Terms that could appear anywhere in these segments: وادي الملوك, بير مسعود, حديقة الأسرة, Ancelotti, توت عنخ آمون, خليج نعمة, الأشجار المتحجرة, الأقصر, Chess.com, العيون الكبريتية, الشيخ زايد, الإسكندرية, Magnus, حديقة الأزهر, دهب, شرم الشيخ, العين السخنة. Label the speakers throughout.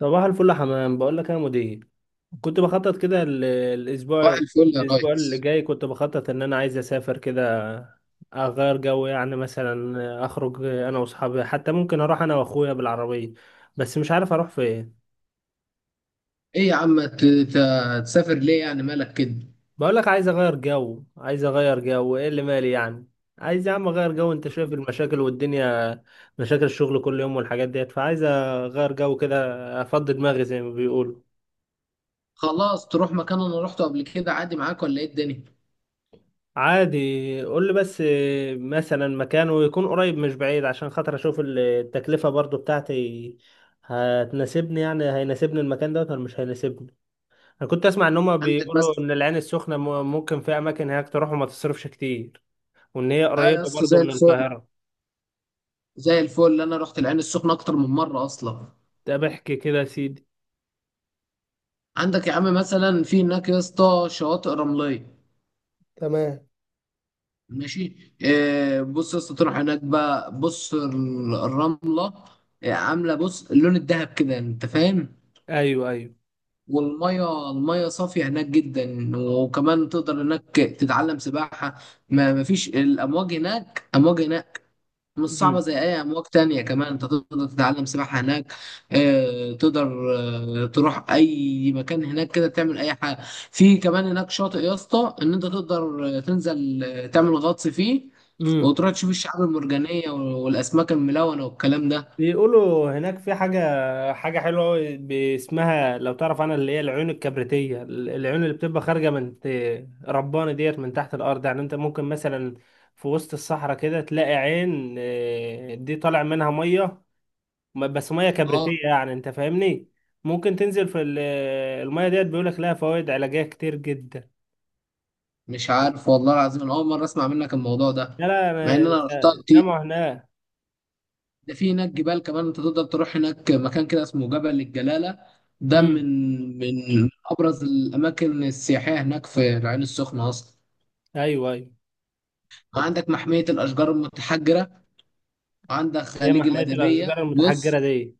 Speaker 1: صباح الفل يا حمام، بقول لك يا مدير. كنت بخطط كده ال- الاسبوع
Speaker 2: صباح الفل يا
Speaker 1: الاسبوع اللي
Speaker 2: ريس.
Speaker 1: جاي. كنت بخطط ان انا عايز اسافر كده، اغير جو. يعني مثلا اخرج انا واصحابي، حتى ممكن اروح انا واخويا بالعربيه. بس مش عارف اروح فين.
Speaker 2: ايه يا عم، تسافر ليه؟ يعني مالك كده؟
Speaker 1: بقول لك عايز اغير جو، ايه اللي مالي يعني؟ عايز يا عم اغير جو، انت شايف المشاكل والدنيا. مشاكل الشغل كل يوم والحاجات ديت، فعايز اغير جو كده، افضي دماغي زي ما بيقولوا.
Speaker 2: خلاص، تروح مكان انا روحته قبل كده عادي معاك ولا ايه الدنيا؟
Speaker 1: عادي. قول لي بس. مثلا مكانه يكون قريب مش بعيد، عشان خاطر اشوف التكلفة برضو بتاعتي هتناسبني، يعني هيناسبني المكان دوت ولا مش هيناسبني. انا كنت اسمع ان هما
Speaker 2: عندك
Speaker 1: بيقولوا
Speaker 2: مثلا.
Speaker 1: ان العين السخنة ممكن في اماكن هناك تروح وما تصرفش كتير، وان هي
Speaker 2: اه يا
Speaker 1: قريبة
Speaker 2: اسطى، زي
Speaker 1: برضو من
Speaker 2: الفل.
Speaker 1: القاهرة.
Speaker 2: زي الفل، انا رحت العين السخنه اكتر من مره اصلا.
Speaker 1: ده بحكي كده يا سيدي.
Speaker 2: عندك يا عم مثلا في هناك يا اسطى شواطئ رمليه.
Speaker 1: تمام.
Speaker 2: ماشي. إيه، بص يا اسطى، تروح هناك بقى، بص الرمله. عامله، بص اللون الذهب كده، انت فاهم.
Speaker 1: ايوه، ايوه.
Speaker 2: والمية صافية هناك جدا، وكمان تقدر هناك تتعلم سباحة. ما مفيش الأمواج هناك، أمواج هناك مش
Speaker 1: امم.
Speaker 2: صعبة زي أي أمواج تانية، كمان أنت تقدر تتعلم سباحة هناك. تقدر. تروح أي مكان هناك كده، تعمل أي حاجة. في كمان هناك شاطئ يا اسطى إن أنت تقدر تنزل، تعمل غطس فيه.
Speaker 1: إمم.
Speaker 2: وتروح تشوف الشعاب المرجانية والأسماك الملونة والكلام ده.
Speaker 1: بيقولوا هناك في حاجة حلوة أوي اسمها، لو تعرف عنها، اللي هي العيون الكبريتية، العيون اللي بتبقى خارجة من ربانة ديت من تحت الأرض. يعني أنت ممكن مثلا في وسط الصحراء كده تلاقي عين، دي طالع منها مية، بس مية
Speaker 2: أه.
Speaker 1: كبريتية، يعني أنت فاهمني. ممكن تنزل في المية ديت، بيقولك لها فوائد علاجية كتير جدا.
Speaker 2: مش عارف والله العظيم، أنا أول مرة أسمع منك الموضوع ده،
Speaker 1: لا، لا،
Speaker 2: مع ان
Speaker 1: أنا
Speaker 2: انا رحتها كتير.
Speaker 1: سامعه هناك.
Speaker 2: ده في هناك جبال كمان، انت تقدر تروح هناك مكان كده اسمه جبل الجلالة. ده من
Speaker 1: أمم.
Speaker 2: من ابرز الاماكن السياحية هناك في العين السخنة اصلا.
Speaker 1: أيوه، أيوه.
Speaker 2: وعندك محمية الاشجار المتحجرة، وعندك
Speaker 1: هي
Speaker 2: خليج
Speaker 1: محمية
Speaker 2: الادبية.
Speaker 1: الأشجار
Speaker 2: بص،
Speaker 1: المتحجرة دي؟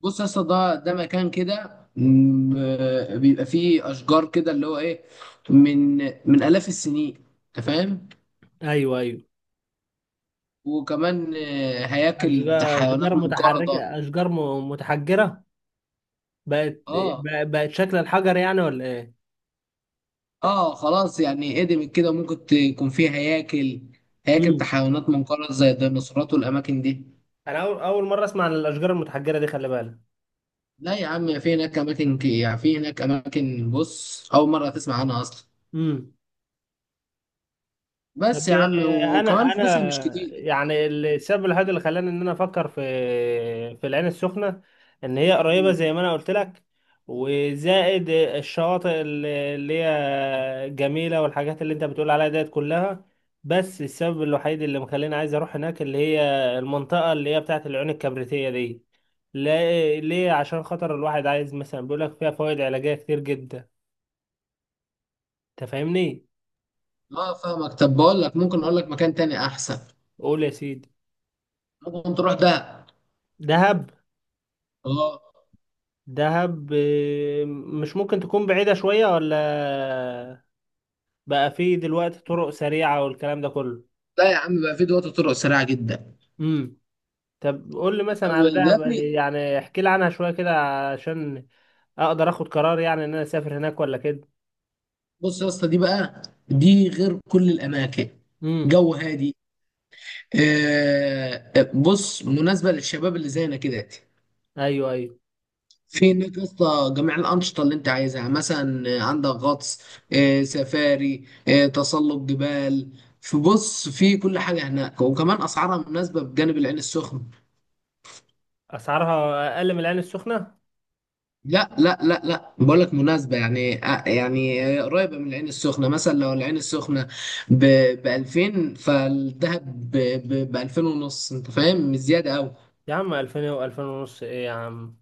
Speaker 2: بص يا اسطى، ده مكان كده، بيبقى فيه اشجار كده، اللي هو ايه، من من الاف السنين، انت فاهم.
Speaker 1: أيوه، أيوه.
Speaker 2: وكمان هياكل بتاع
Speaker 1: أشجار أشجار
Speaker 2: حيوانات منقرضة.
Speaker 1: متحركة أشجار م- متحجرة بقت
Speaker 2: اه.
Speaker 1: بق- بقت شكل الحجر يعني ولا إيه؟
Speaker 2: اه خلاص، يعني هدمت كده، وممكن تكون فيه هياكل، هياكل بتاع
Speaker 1: امم.
Speaker 2: حيوانات منقرض زي الديناصورات والاماكن دي.
Speaker 1: أنا أول مرة أسمع عن الأشجار المتحجرة دي، خلي بالك.
Speaker 2: لا يا عم، في هناك اماكن يعني في هناك اماكن، بص، اول مره تسمع عنها اصلا.
Speaker 1: امم. طب،
Speaker 2: بس يا عم، وكمان
Speaker 1: انا
Speaker 2: فلوسها مش كتير.
Speaker 1: يعني السبب الوحيد اللي خلاني ان انا افكر في العين السخنه، ان هي قريبه
Speaker 2: مم.
Speaker 1: زي ما انا قلت لك، وزائد الشواطئ اللي هي جميله والحاجات اللي انت بتقول عليها ديت كلها. بس السبب الوحيد اللي مخليني عايز اروح هناك اللي هي المنطقه اللي هي بتاعه العيون الكبريتيه دي. ليه؟ عشان خاطر الواحد عايز مثلا، بيقول لك فيها فوائد علاجيه كتير جدا، انت فاهمني.
Speaker 2: اه، فاهمك. طب بقول لك، ممكن اقول لك مكان تاني احسن.
Speaker 1: قول يا سيدي.
Speaker 2: ممكن تروح دهب.
Speaker 1: دهب؟
Speaker 2: اه.
Speaker 1: دهب مش ممكن تكون بعيدة شوية، ولا بقى فيه دلوقتي طرق سريعة والكلام ده كله؟
Speaker 2: لا يا عم، بقى في دلوقتي طرق سريعه جدا.
Speaker 1: امم. طب قول لي مثلا
Speaker 2: طب
Speaker 1: على
Speaker 2: ده،
Speaker 1: دهب، يعني احكي لي عنها شوية كده، عشان اقدر اخد قرار، يعني ان انا اسافر هناك ولا كده.
Speaker 2: بص يا اسطى دي بقى، دي غير كل الاماكن.
Speaker 1: امم.
Speaker 2: جو هادي. بص، مناسبة للشباب اللي زينا كده.
Speaker 1: ايوه، ايوه.
Speaker 2: في هناك يا اسطى جميع الأنشطة اللي أنت عايزها، مثلا عندك غطس، سفاري، تسلق جبال. فبص، في كل حاجة هناك، وكمان أسعارها مناسبة بجانب العين السخنة.
Speaker 1: اسعارها اقل من العين السخنة؟
Speaker 2: لا لا لا لا، بقول لك مناسبة يعني، يعني قريبة من العين السخنة. مثلا لو العين السخنة ب 2000، فالدهب ب 2000 ونص. أنت فاهم؟ مش زيادة أوي.
Speaker 1: يا عم، 2000 و2000 ونص ايه يا عم؟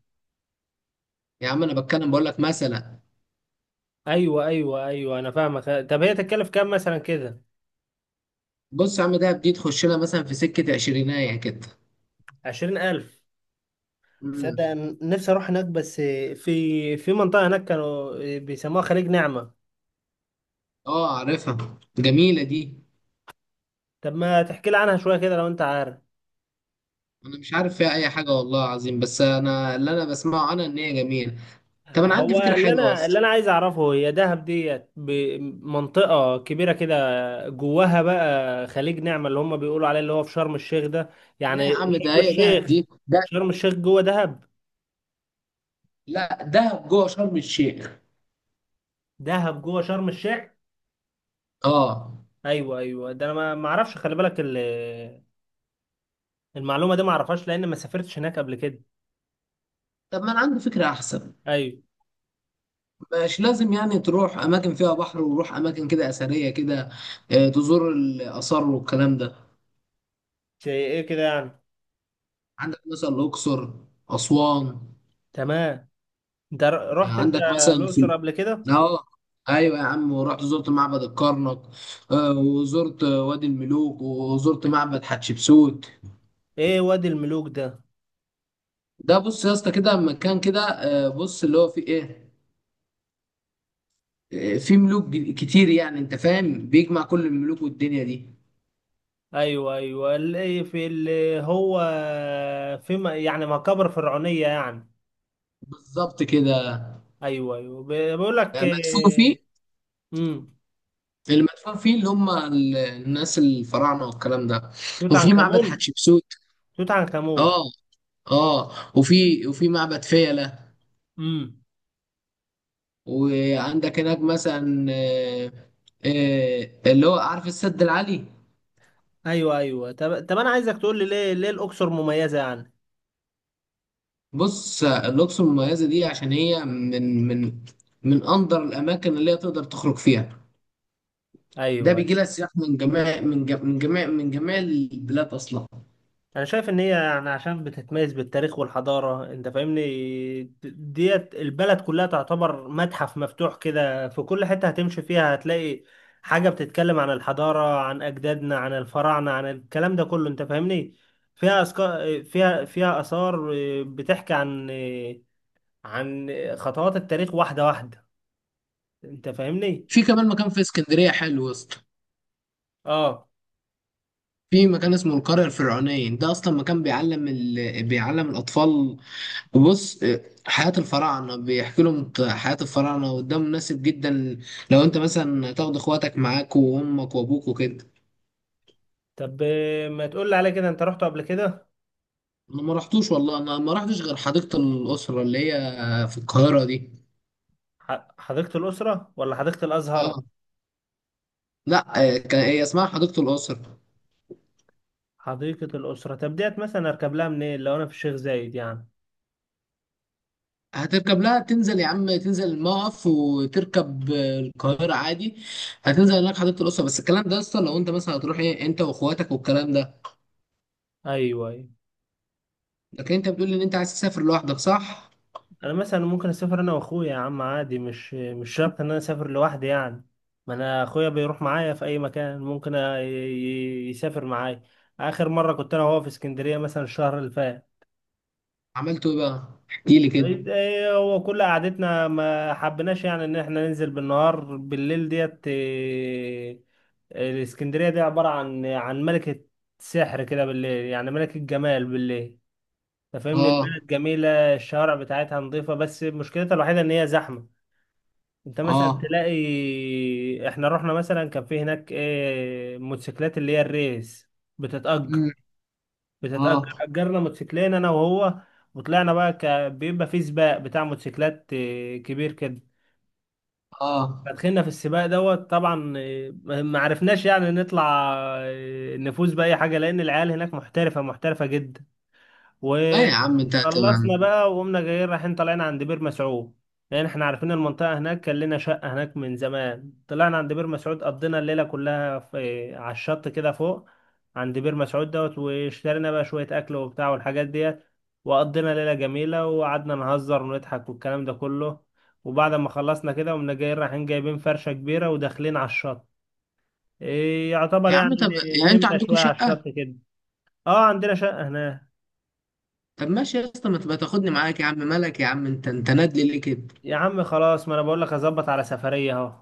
Speaker 2: يا عم أنا بتكلم، بقول لك مثلا.
Speaker 1: ايوه، ايوه، ايوه، انا فاهمك. طب هي تتكلف كام مثلا كده؟
Speaker 2: بص يا عم، دهب دي تخش لها مثلا في سكة عشرينية كده.
Speaker 1: 20,000؟ تصدق،
Speaker 2: امم.
Speaker 1: أنا نفسي اروح هناك، بس في منطقه هناك كانوا بيسموها خليج نعمه.
Speaker 2: اه، عارفها، جميلة دي.
Speaker 1: طب ما تحكي لي عنها شويه كده لو انت عارف.
Speaker 2: انا مش عارف فيها اي حاجة والله العظيم، بس انا اللي انا بسمعه انا ان هي جميلة. طب انا عندي
Speaker 1: هو
Speaker 2: فكرة
Speaker 1: اللي
Speaker 2: حلوة
Speaker 1: انا اللي
Speaker 2: اصلا.
Speaker 1: انا عايز اعرفه، هي دهب ديت منطقه كبيره كده، جواها بقى خليج نعمه اللي هم بيقولوا عليه اللي هو في شرم الشيخ ده،
Speaker 2: لا يا
Speaker 1: يعني
Speaker 2: عم، ده
Speaker 1: شرم
Speaker 2: هي دهب
Speaker 1: الشيخ؟
Speaker 2: دي ده.
Speaker 1: شرم الشيخ جوه دهب؟
Speaker 2: لا، دهب جوه شرم الشيخ.
Speaker 1: دهب جوه شرم الشيخ؟
Speaker 2: اه.
Speaker 1: ايوه، ايوه، ده انا ما اعرفش، خلي بالك المعلومه دي ما اعرفهاش، لان ما سافرتش هناك قبل كده.
Speaker 2: طب ما انا عندي فكرة احسن.
Speaker 1: ايوه.
Speaker 2: مش لازم يعني تروح اماكن فيها بحر، وروح اماكن كده اثرية كده، تزور الاثار والكلام ده.
Speaker 1: زي ايه كده يعني؟
Speaker 2: عندك مثلا الاقصر، اسوان.
Speaker 1: تمام. انت رحت انت
Speaker 2: عندك مثلا في.
Speaker 1: الاقصر قبل كده؟
Speaker 2: اه. ايوه يا عم، ورحت زرت معبد الكرنك، وزرت وادي الملوك، وزرت معبد حتشبسوت.
Speaker 1: ايه وادي الملوك ده؟
Speaker 2: ده بص يا اسطى، كده مكان كده، بص اللي هو فيه ايه، فيه ملوك كتير، يعني انت فاهم، بيجمع كل الملوك والدنيا دي.
Speaker 1: ايوه، ايوه، اللي في اللي هو في يعني مقابر فرعونيه يعني؟
Speaker 2: بالظبط كده.
Speaker 1: ايوه، ايوه، بيقول لك
Speaker 2: مدفون فيه.
Speaker 1: امم.
Speaker 2: المدفون فيه اللي هم الناس الفراعنه والكلام ده.
Speaker 1: توت
Speaker 2: وفي
Speaker 1: عنخ
Speaker 2: معبد
Speaker 1: امون.
Speaker 2: حتشبسوت.
Speaker 1: توت عنخ امون.
Speaker 2: اه. اه. وفي معبد فيلة.
Speaker 1: امم.
Speaker 2: وعندك هناك مثلا اللي هو عارف السد العالي.
Speaker 1: ايوه، ايوه. طب، انا عايزك تقول لي ليه الاقصر مميزه يعني؟
Speaker 2: بص الأقصر المميزة دي عشان هي من من أندر الأماكن اللي هي تقدر تخرج فيها. ده
Speaker 1: ايوه.
Speaker 2: بيجي لها سياح من جميع البلاد أصلا.
Speaker 1: انا شايف ان هي يعني عشان بتتميز بالتاريخ والحضاره، انت فاهمني. ديت البلد كلها تعتبر متحف مفتوح كده، في كل حته هتمشي فيها هتلاقي حاجه بتتكلم عن الحضاره، عن اجدادنا، عن الفراعنه، عن الكلام ده كله، انت فاهمني. فيها أسكا... فيها فيها اثار، بتحكي عن عن خطوات التاريخ واحده واحده، انت فاهمني.
Speaker 2: في كمان مكان في اسكندرية حلو يا اسطى.
Speaker 1: اه.
Speaker 2: في مكان اسمه القرية الفرعونية، ده أصلا مكان بيعلم بيعلم الأطفال. بص، حياة الفراعنة، بيحكي لهم حياة الفراعنة، وده مناسب جدا لو انت مثلا تاخد اخواتك معاك وامك وابوك وكده.
Speaker 1: طب ما تقول لي على كده، انت رحت قبل كده؟
Speaker 2: انا ما رحتوش والله، انا ما رحتش غير حديقة الأسرة اللي هي في القاهرة دي.
Speaker 1: حديقه الاسره ولا حديقه الازهر؟
Speaker 2: اه. لا، هي اسمها حديقة الأسرة.
Speaker 1: حديقة الأسرة. طب ديت مثلا أركب لها منين لو أنا في الشيخ زايد يعني؟
Speaker 2: هتركب لها، تنزل يا عم، تنزل الموقف وتركب القاهرة عادي. هتنزل هناك حديقة الأسرة، بس الكلام ده اصلا لو انت مثلا هتروح ايه، انت واخواتك والكلام ده.
Speaker 1: أيوه، أيوه.
Speaker 2: لكن انت بتقول ان انت عايز تسافر لوحدك، صح؟
Speaker 1: أنا مثلا ممكن أسافر أنا وأخويا يا عم، عادي، مش شرط إن أنا أسافر لوحدي يعني. ما أنا أخويا بيروح معايا في أي مكان، ممكن يسافر معايا. آخر مرة كنت أنا وهو في اسكندرية مثلا الشهر اللي فات.
Speaker 2: عملته ايه بقى؟ احكي لي كده.
Speaker 1: طيب، إيه هو كل قعدتنا ما حبيناش يعني إن إحنا ننزل بالنهار، بالليل ديت الإسكندرية دي عبارة عن ملكة سحر كده بالليل، يعني ملكة جمال بالليل. انت فاهمني.
Speaker 2: اه.
Speaker 1: البلد جميلة، الشوارع بتاعتها نظيفة، بس مشكلتها الوحيدة ان هي زحمة. انت مثلا
Speaker 2: اه.
Speaker 1: تلاقي، احنا رحنا مثلا، كان في هناك موتوسيكلات اللي هي الريس بتتأجر
Speaker 2: مم.
Speaker 1: بتتأجر
Speaker 2: اه.
Speaker 1: أجرنا موتوسيكلين انا وهو، وطلعنا بقى، بيبقى في سباق بتاع موتوسيكلات كبير كده.
Speaker 2: اه.
Speaker 1: فدخلنا في السباق دوت، طبعا ما عرفناش يعني نطلع، نفوز بأي حاجة، لأن العيال هناك محترفة محترفة جدا.
Speaker 2: لا يا عم، انت هتبقى.
Speaker 1: وخلصنا بقى، وقمنا جايين رايحين طالعين عند بير مسعود، لان احنا عارفين المنطقه هناك، كان لنا شقه هناك من زمان. طلعنا عند بير مسعود، قضينا الليله كلها في على الشط كده فوق عند بير مسعود دوت، واشترينا بقى شويه اكل وبتاع والحاجات ديت، وقضينا ليله جميله، وقعدنا نهزر ونضحك والكلام ده كله. وبعد ما خلصنا كده، قمنا جايين رايحين جايبين فرشه كبيره وداخلين على الشط، إيه يعتبر
Speaker 2: يا عم
Speaker 1: يعني،
Speaker 2: طب، يعني انتوا
Speaker 1: نمنا
Speaker 2: عندكم
Speaker 1: شويه على
Speaker 2: شقة؟
Speaker 1: الشط كده. اه، عندنا شقه هناك.
Speaker 2: طب ماشي يا اسطى، ما تبقى تاخدني معاك يا عم، مالك يا عم، انت نادلي ليه كده؟
Speaker 1: يا عم خلاص، ما انا بقول لك اظبط على سفرية اهو.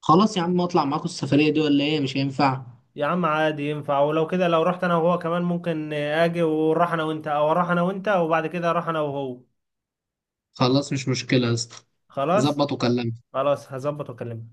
Speaker 2: خلاص يا عم، اطلع معاكم السفرية دي ولا ايه، مش هينفع؟
Speaker 1: يا عم عادي ينفع، ولو كده لو رحت انا وهو كمان ممكن اجي ونروح انا وانت، او اروح انا وانت وبعد كده اروح انا وهو.
Speaker 2: خلاص، مش مشكلة يا اسطى.
Speaker 1: خلاص.
Speaker 2: ظبط وكلمني.
Speaker 1: خلاص، هظبط واكلمك.